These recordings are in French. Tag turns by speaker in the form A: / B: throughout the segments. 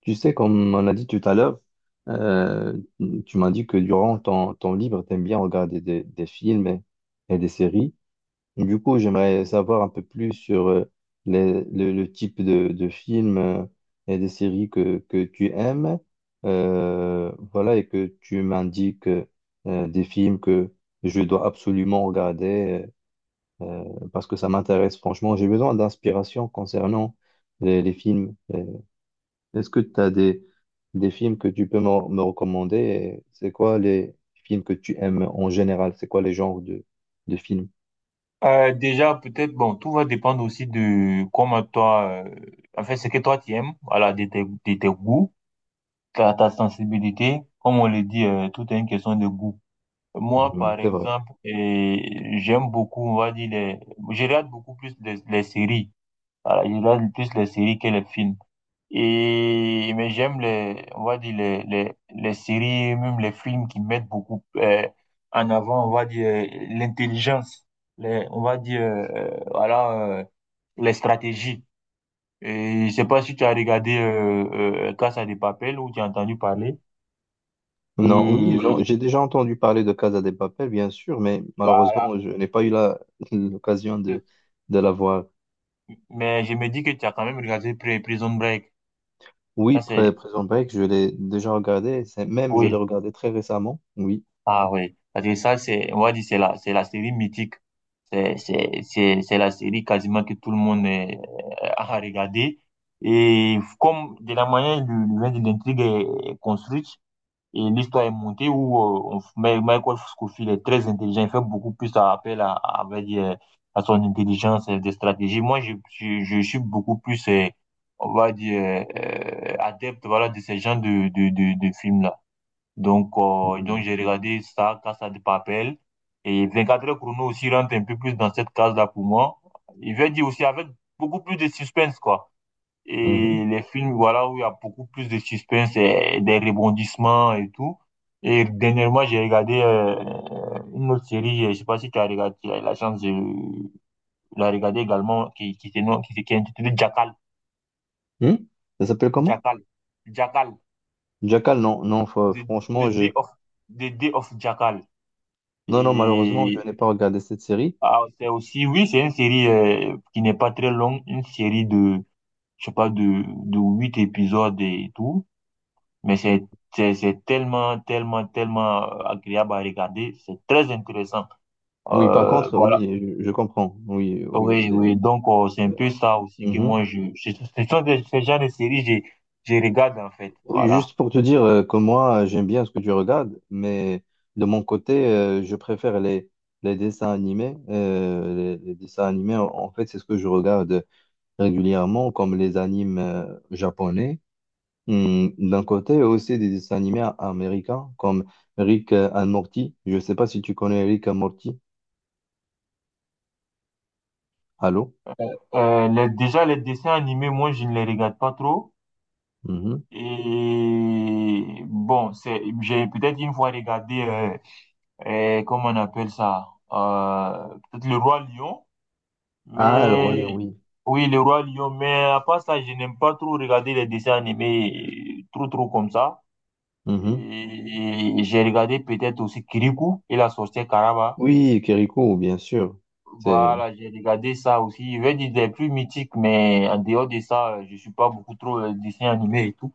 A: Tu sais, comme on a dit tout à l'heure, euh, tu m'as dit que durant ton temps libre, tu aimes bien regarder des films et des séries. Et du coup, j'aimerais savoir un peu plus sur le type de films et des séries que tu aimes. Voilà, et que tu m'indiques des films que je dois absolument regarder euh, parce que ça m'intéresse franchement. J'ai besoin d'inspiration concernant les films. Est-ce que tu as des films que tu peux me recommander? Et c'est quoi les films que tu aimes en général? C'est quoi les genres de films?
B: Déjà, peut-être, bon, tout va dépendre aussi de comment toi, en fait, ce que toi tu aimes, voilà, de tes goûts, ta sensibilité. Comme on le dit, tout est une question de goût. Moi,
A: Mhm.
B: par
A: C'est vrai.
B: exemple, j'aime beaucoup, on va dire, je regarde beaucoup plus les séries. Voilà, je regarde plus les séries que les films. Et, mais j'aime on va dire les séries, même les films qui mettent beaucoup en avant, on va dire, l'intelligence, on va dire, voilà, les stratégies. Et je sais pas si tu as regardé Casa de Papel ou tu as entendu parler.
A: Non, oui, j'en-
B: Et
A: j'ai déjà entendu parler de Casa de Papel, bien sûr, mais
B: voilà.
A: malheureusement, je n'ai pas eu l'occasion de la voir.
B: Mais je me dis que tu as quand même regardé Prison Break.
A: Oui,
B: Ça,
A: Pré-
B: c'est,
A: Prison Break, je l'ai déjà regardé, même je l'ai
B: oui.
A: regardé très récemment, oui.
B: Ah, oui. Parce que ça, c'est, on va dire, c'est la série mythique. C'est la série quasiment que tout le monde a regardé. Et comme de la manière dont l'intrigue est construite et l'histoire est montée, où Michael Scofield est très intelligent, il fait beaucoup plus appel on va dire, à son intelligence et des stratégies. Moi, je suis beaucoup plus, on va dire, adepte voilà, de ce genre de films-là. Donc,
A: Mhm.
B: j'ai regardé ça, Casa de Papel. Et 24 heures chrono aussi rentre un peu plus dans cette case-là pour moi. Il veut dire aussi avec beaucoup plus de suspense, quoi.
A: Mhm.
B: Et les films, voilà, où il y a beaucoup plus de suspense et des rebondissements et tout. Et dernièrement, j'ai regardé une autre série, je sais pas si tu as regardé, tu as eu la chance de la regarder également, qui, se nomme- qui, se- qui est intitulée Jackal.
A: Hmm. Ça s'appelle comment?
B: Jackal. Jackal.
A: Jackal, non, non, fa-
B: The, the
A: franchement,
B: Day
A: j'ai.
B: of, the Day of Jackal.
A: Non, non, malheureusement, je
B: Et
A: n'ai pas regardé cette série.
B: Ah, c'est aussi, oui, c'est une série qui n'est pas très longue, une série de, je sais pas, de 8 épisodes et tout, mais c'est tellement, tellement, tellement agréable à regarder, c'est très intéressant.
A: Oui, par contre,
B: Voilà.
A: oui, je comprends. Oui, oui,
B: Oui,
A: c'est.
B: oui, donc c'est un
A: euh,
B: peu ça aussi que
A: mhm.
B: moi, ce sont ce genre de séries, je regarde en fait,
A: Oui,
B: voilà.
A: juste pour te dire que moi, j'aime bien ce que tu regardes, mais de mon côté, je préfère les dessins animés. Les dessins animés, en fait, c'est ce que je regarde régulièrement, comme les animes japonais. D'un côté, aussi des dessins animés américains, comme Rick and Morty. Je ne sais pas si tu connais Rick and Morty. Allô?
B: Déjà, les dessins animés, moi, je ne les regarde pas trop.
A: Mhm.
B: Et bon, j'ai peut-être une fois regardé et comment on appelle ça? Peut-être le Roi Lion,
A: Ah, le Roi Lion,
B: mais
A: oui.
B: oui, le Roi Lion, mais à part ça, je n'aime pas trop regarder les dessins animés trop trop comme ça.
A: Mhm.
B: Et, j'ai regardé peut-être aussi Kirikou et la sorcière Karaba.
A: Oui, Kériko, bien sûr. C'est.
B: Voilà, j'ai regardé ça aussi. Je vais dire des plus mythiques, mais en dehors de ça, je suis pas beaucoup trop dessin animé et tout.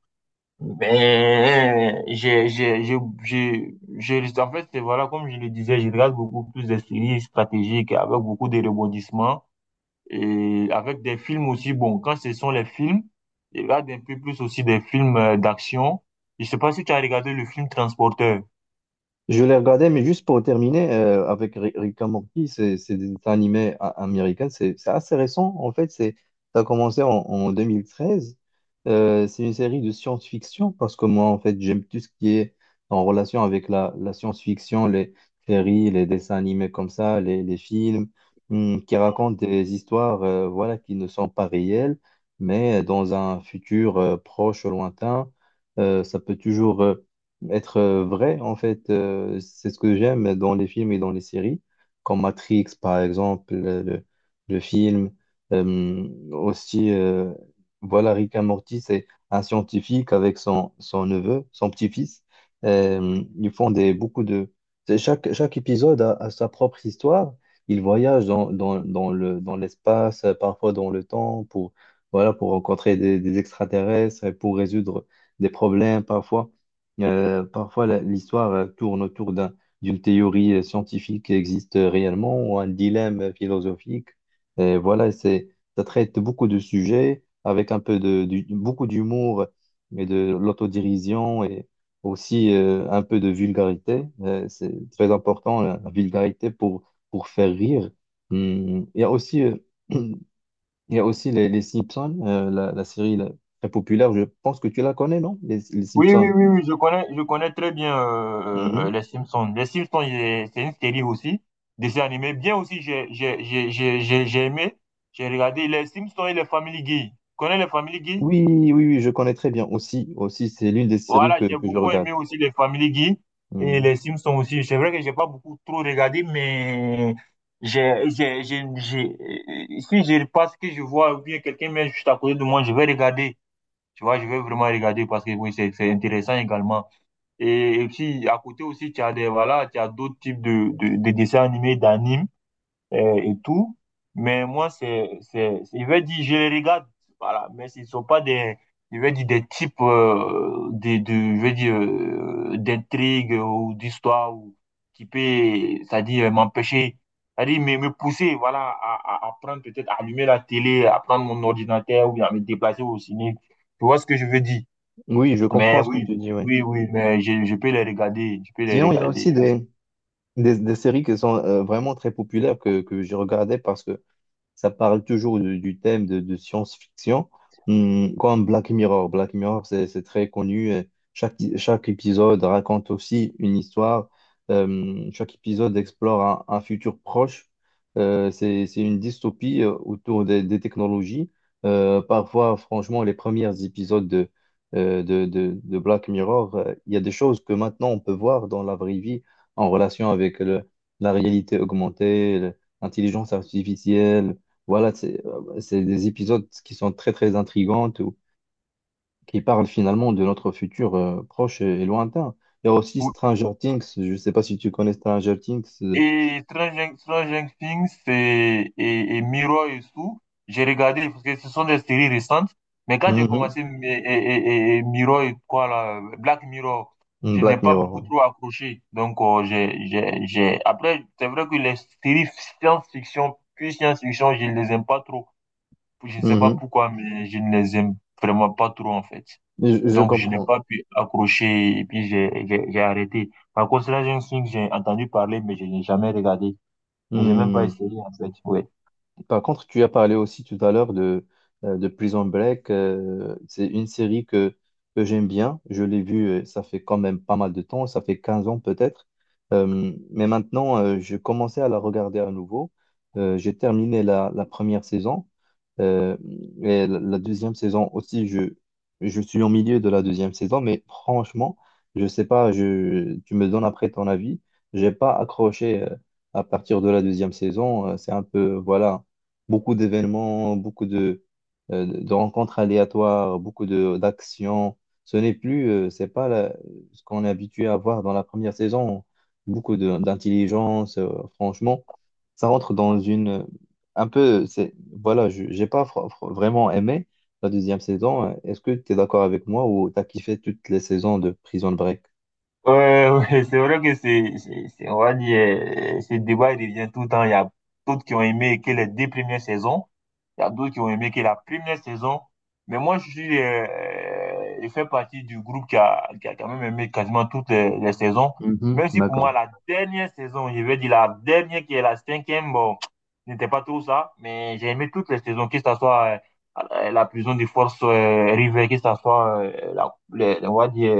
B: Ben, j'ai, je, je, en fait, voilà, comme je le disais, je regarde beaucoup plus des séries stratégiques avec beaucoup de rebondissements et avec des films aussi. Bon, quand ce sont les films, je regarde un peu plus aussi des films d'action. Je sais pas si tu as regardé le film Transporteur.
A: Je l'ai regardé, mais juste pour terminer, avec Rick and Morty, c'est des dessins animés américains, c'est assez récent, en fait, ça a commencé en 2013. C'est une série de science-fiction, parce que moi, en fait, j'aime tout ce qui est en relation avec la science-fiction, les séries, les dessins animés comme ça, les films, qui racontent des histoires, voilà, qui ne sont pas réelles, mais dans un futur, proche, lointain, ça peut toujours être vrai, en fait, c'est ce que j'aime dans les films et dans les séries, comme Matrix, par exemple, le film. Aussi, voilà, Rick et Morty, c'est un scientifique avec son neveu, son petit-fils. Ils font des, beaucoup de... c'est chaque épisode a sa propre histoire. Ils voyagent dans l'espace, parfois dans le temps, voilà, pour rencontrer des extraterrestres et pour résoudre des problèmes parfois. Parfois, l'histoire tourne autour d'une théorie scientifique qui existe réellement ou un dilemme philosophique. Et voilà, ça traite beaucoup de sujets avec un peu de, du- beaucoup d'humour et de l'autodérision et aussi un peu de vulgarité. C'est très important, la vulgarité pour faire rire. Il y a aussi. Il y a aussi les Simpsons, la série là, très populaire. Je pense que tu la connais, non? Les
B: Oui, oui,
A: Simpsons.
B: oui, oui, je connais très bien
A: Hum, hum.
B: les Simpsons. Les Simpsons, c'est une série aussi, dessin animé. Bien aussi, j'ai aimé, j'ai regardé les Simpsons et les Family Guy. Tu connais les Family Guy?
A: Oui, oui, oui, je connais très bien. Aussi, aussi, c'est l'une des séries
B: Voilà,
A: que,
B: j'ai
A: que je
B: beaucoup
A: regarde.
B: aimé aussi les Family Guy et
A: Hmm.
B: les Simpsons aussi. C'est vrai que j'ai pas beaucoup trop regardé, mais si je passe que je vois ou bien quelqu'un met juste à côté de moi, je vais regarder. Tu vois, je vais vraiment regarder parce que oui, c'est intéressant également. Et, puis, à côté aussi, voilà, tu as d'autres types de dessins animés, d'animes et tout. Mais moi, je vais dire, je les regarde, voilà, mais ce ne sont pas je vais dire, des types de, je vais dire, d'intrigues ou d'histoires ou qui peut, c'est-à-dire, m'empêcher, c'est-à-dire, me pousser, voilà, à prendre peut-être, à allumer la télé, à prendre mon ordinateur ou bien à me déplacer au ciné. Tu vois ce que je veux dire?
A: Oui, je
B: Mais
A: comprends ce que
B: oui,
A: tu dis, oui.
B: oui, oui, mais je peux les regarder, je peux les
A: Sinon, il y a
B: regarder.
A: aussi des séries qui sont vraiment très populaires que je regardais parce que ça parle toujours du thème de science-fiction, comme Black Mirror. Black Mirror, c'est très connu. Et chaque épisode raconte aussi une histoire. Chaque épisode explore un futur proche. C'est une dystopie autour des technologies. Parfois, franchement, les premiers épisodes de Black Mirror, il y a des choses que maintenant on peut voir dans la vraie vie en relation avec la réalité augmentée, l'intelligence artificielle. Voilà, c'est des épisodes qui sont très très intrigants, ou qui parlent finalement de notre futur proche et lointain. Il y a aussi
B: Ou-
A: Stranger Things, je ne sais pas si tu connais Stranger Things.
B: Et Stranger Things et, et Mirror et tout, j'ai regardé parce que ce sont des séries récentes. Mais quand j'ai
A: Mhm,
B: commencé et Mirror et quoi là, Black Mirror, je n'ai
A: Black
B: pas
A: Mirror,
B: beaucoup
A: ouais.
B: trop accroché. Donc, après, c'est vrai que les séries science-fiction, puis science-fiction, je ne les aime pas trop. Je ne sais pas
A: Mhm.
B: pourquoi, mais je ne les aime vraiment pas trop en fait.
A: Je
B: Donc, je n'ai
A: comprends.
B: pas pu accrocher et puis j'ai arrêté. Par contre, là j'ai Stranger Things, j'ai entendu parler, mais je n'ai jamais regardé. Mais j'ai même pas essayé, en fait. Ouais.
A: Par contre, tu as parlé aussi tout à l'heure de Prison Break. C'est une série que j'aime bien. Je l'ai vue, ça fait quand même pas mal de temps, ça fait 15 ans peut-être. Mais maintenant, je commençais à la regarder à nouveau. J'ai terminé la première saison. Euh, et la deuxième saison aussi, je suis au milieu de la deuxième saison. Mais franchement, je sais pas, tu me donnes après ton avis. J'ai pas accroché à partir de la deuxième saison. C'est un peu, voilà. Beaucoup d'événements, beaucoup de rencontres aléatoires, beaucoup de d'actions. Ce n'est plus, c'est pas ce qu'on est habitué à voir dans la première saison. Beaucoup d'intelligence, franchement, ça rentre dans une un peu. C'est Voilà, j'ai pas vraiment aimé la deuxième saison. Est-ce que tu es d'accord avec moi ou t'as kiffé toutes les saisons de Prison Break?
B: Ouais, ouais, c'est vrai que c'est, on va dire, ce débat, il revient tout le temps. Il y a d'autres qui ont aimé que les deux premières saisons. Il y a d'autres qui ont aimé que la première saison. Mais moi, je fais partie du groupe qui a quand même aimé quasiment toutes les saisons.
A: Mhm,
B: Même si pour moi,
A: d'accord.
B: la dernière saison, je vais dire la dernière qui est la cinquième, bon, n'était pas trop ça. Mais j'ai aimé toutes les saisons, que ce soit la prison des forces River, que ce soit les, on va dire,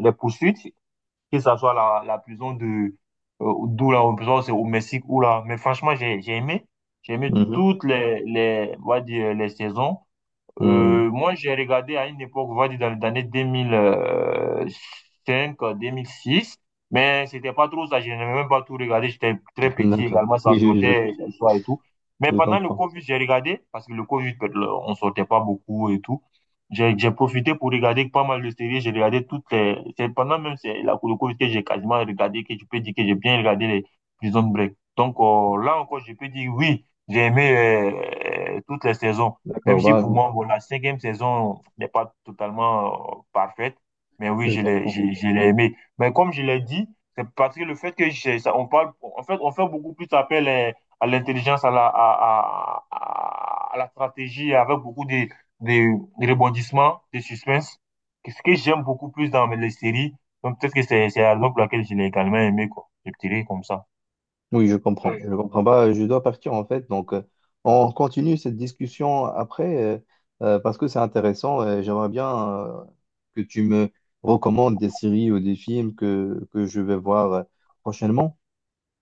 B: les poursuites que ça soit la prison d'où la prison, c'est au Mexique ou là. Mais franchement, j'ai aimé
A: Mhm.
B: toutes on va dire, les saisons.
A: Hmm.
B: Moi, j'ai regardé à une époque, on va dire dans les années deux mille cinq, 2006, mais c'était pas trop ça. Je n'ai même pas tout regardé. J'étais très petit
A: D'accord.
B: également, ça
A: Oui, oui, je,
B: sortait le soir et tout. Mais
A: je
B: pendant le
A: comprends.
B: Covid, j'ai regardé, parce que le Covid, on sortait pas beaucoup et tout. J'ai profité pour regarder pas mal de séries. J'ai regardé toutes les. C'est pendant même le Covid que j'ai quasiment regardé, que je peux dire que j'ai bien regardé les Prison Break. Donc là encore, je peux dire oui, j'ai aimé toutes les saisons. Même
A: D'accord,
B: si
A: bah,
B: pour moi, bon, la cinquième saison n'est pas totalement parfaite, mais oui,
A: je
B: je l'ai,
A: comprends.
B: j'ai- je l'ai aimé. Mais comme je l'ai dit, c'est parce que le fait que ça, en fait, on fait beaucoup plus appel à l'intelligence, à la stratégie, avec beaucoup de rebondissements, de suspense, ce que j'aime beaucoup plus dans les séries. Donc peut-être que c'est la raison pour laquelle je l'ai également aimé, quoi. Je dirais comme ça.
A: Oui, je comprends. Je comprends pas. Je dois partir en fait. Donc, on continue cette discussion après parce que c'est intéressant. J'aimerais bien que tu me recommandes des séries ou des films que je vais voir prochainement.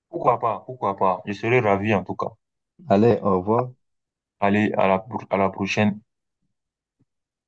B: Pourquoi pas, pourquoi pas. Je serais ravi en tout cas.
A: Allez, au revoir.
B: Allez, à la prochaine.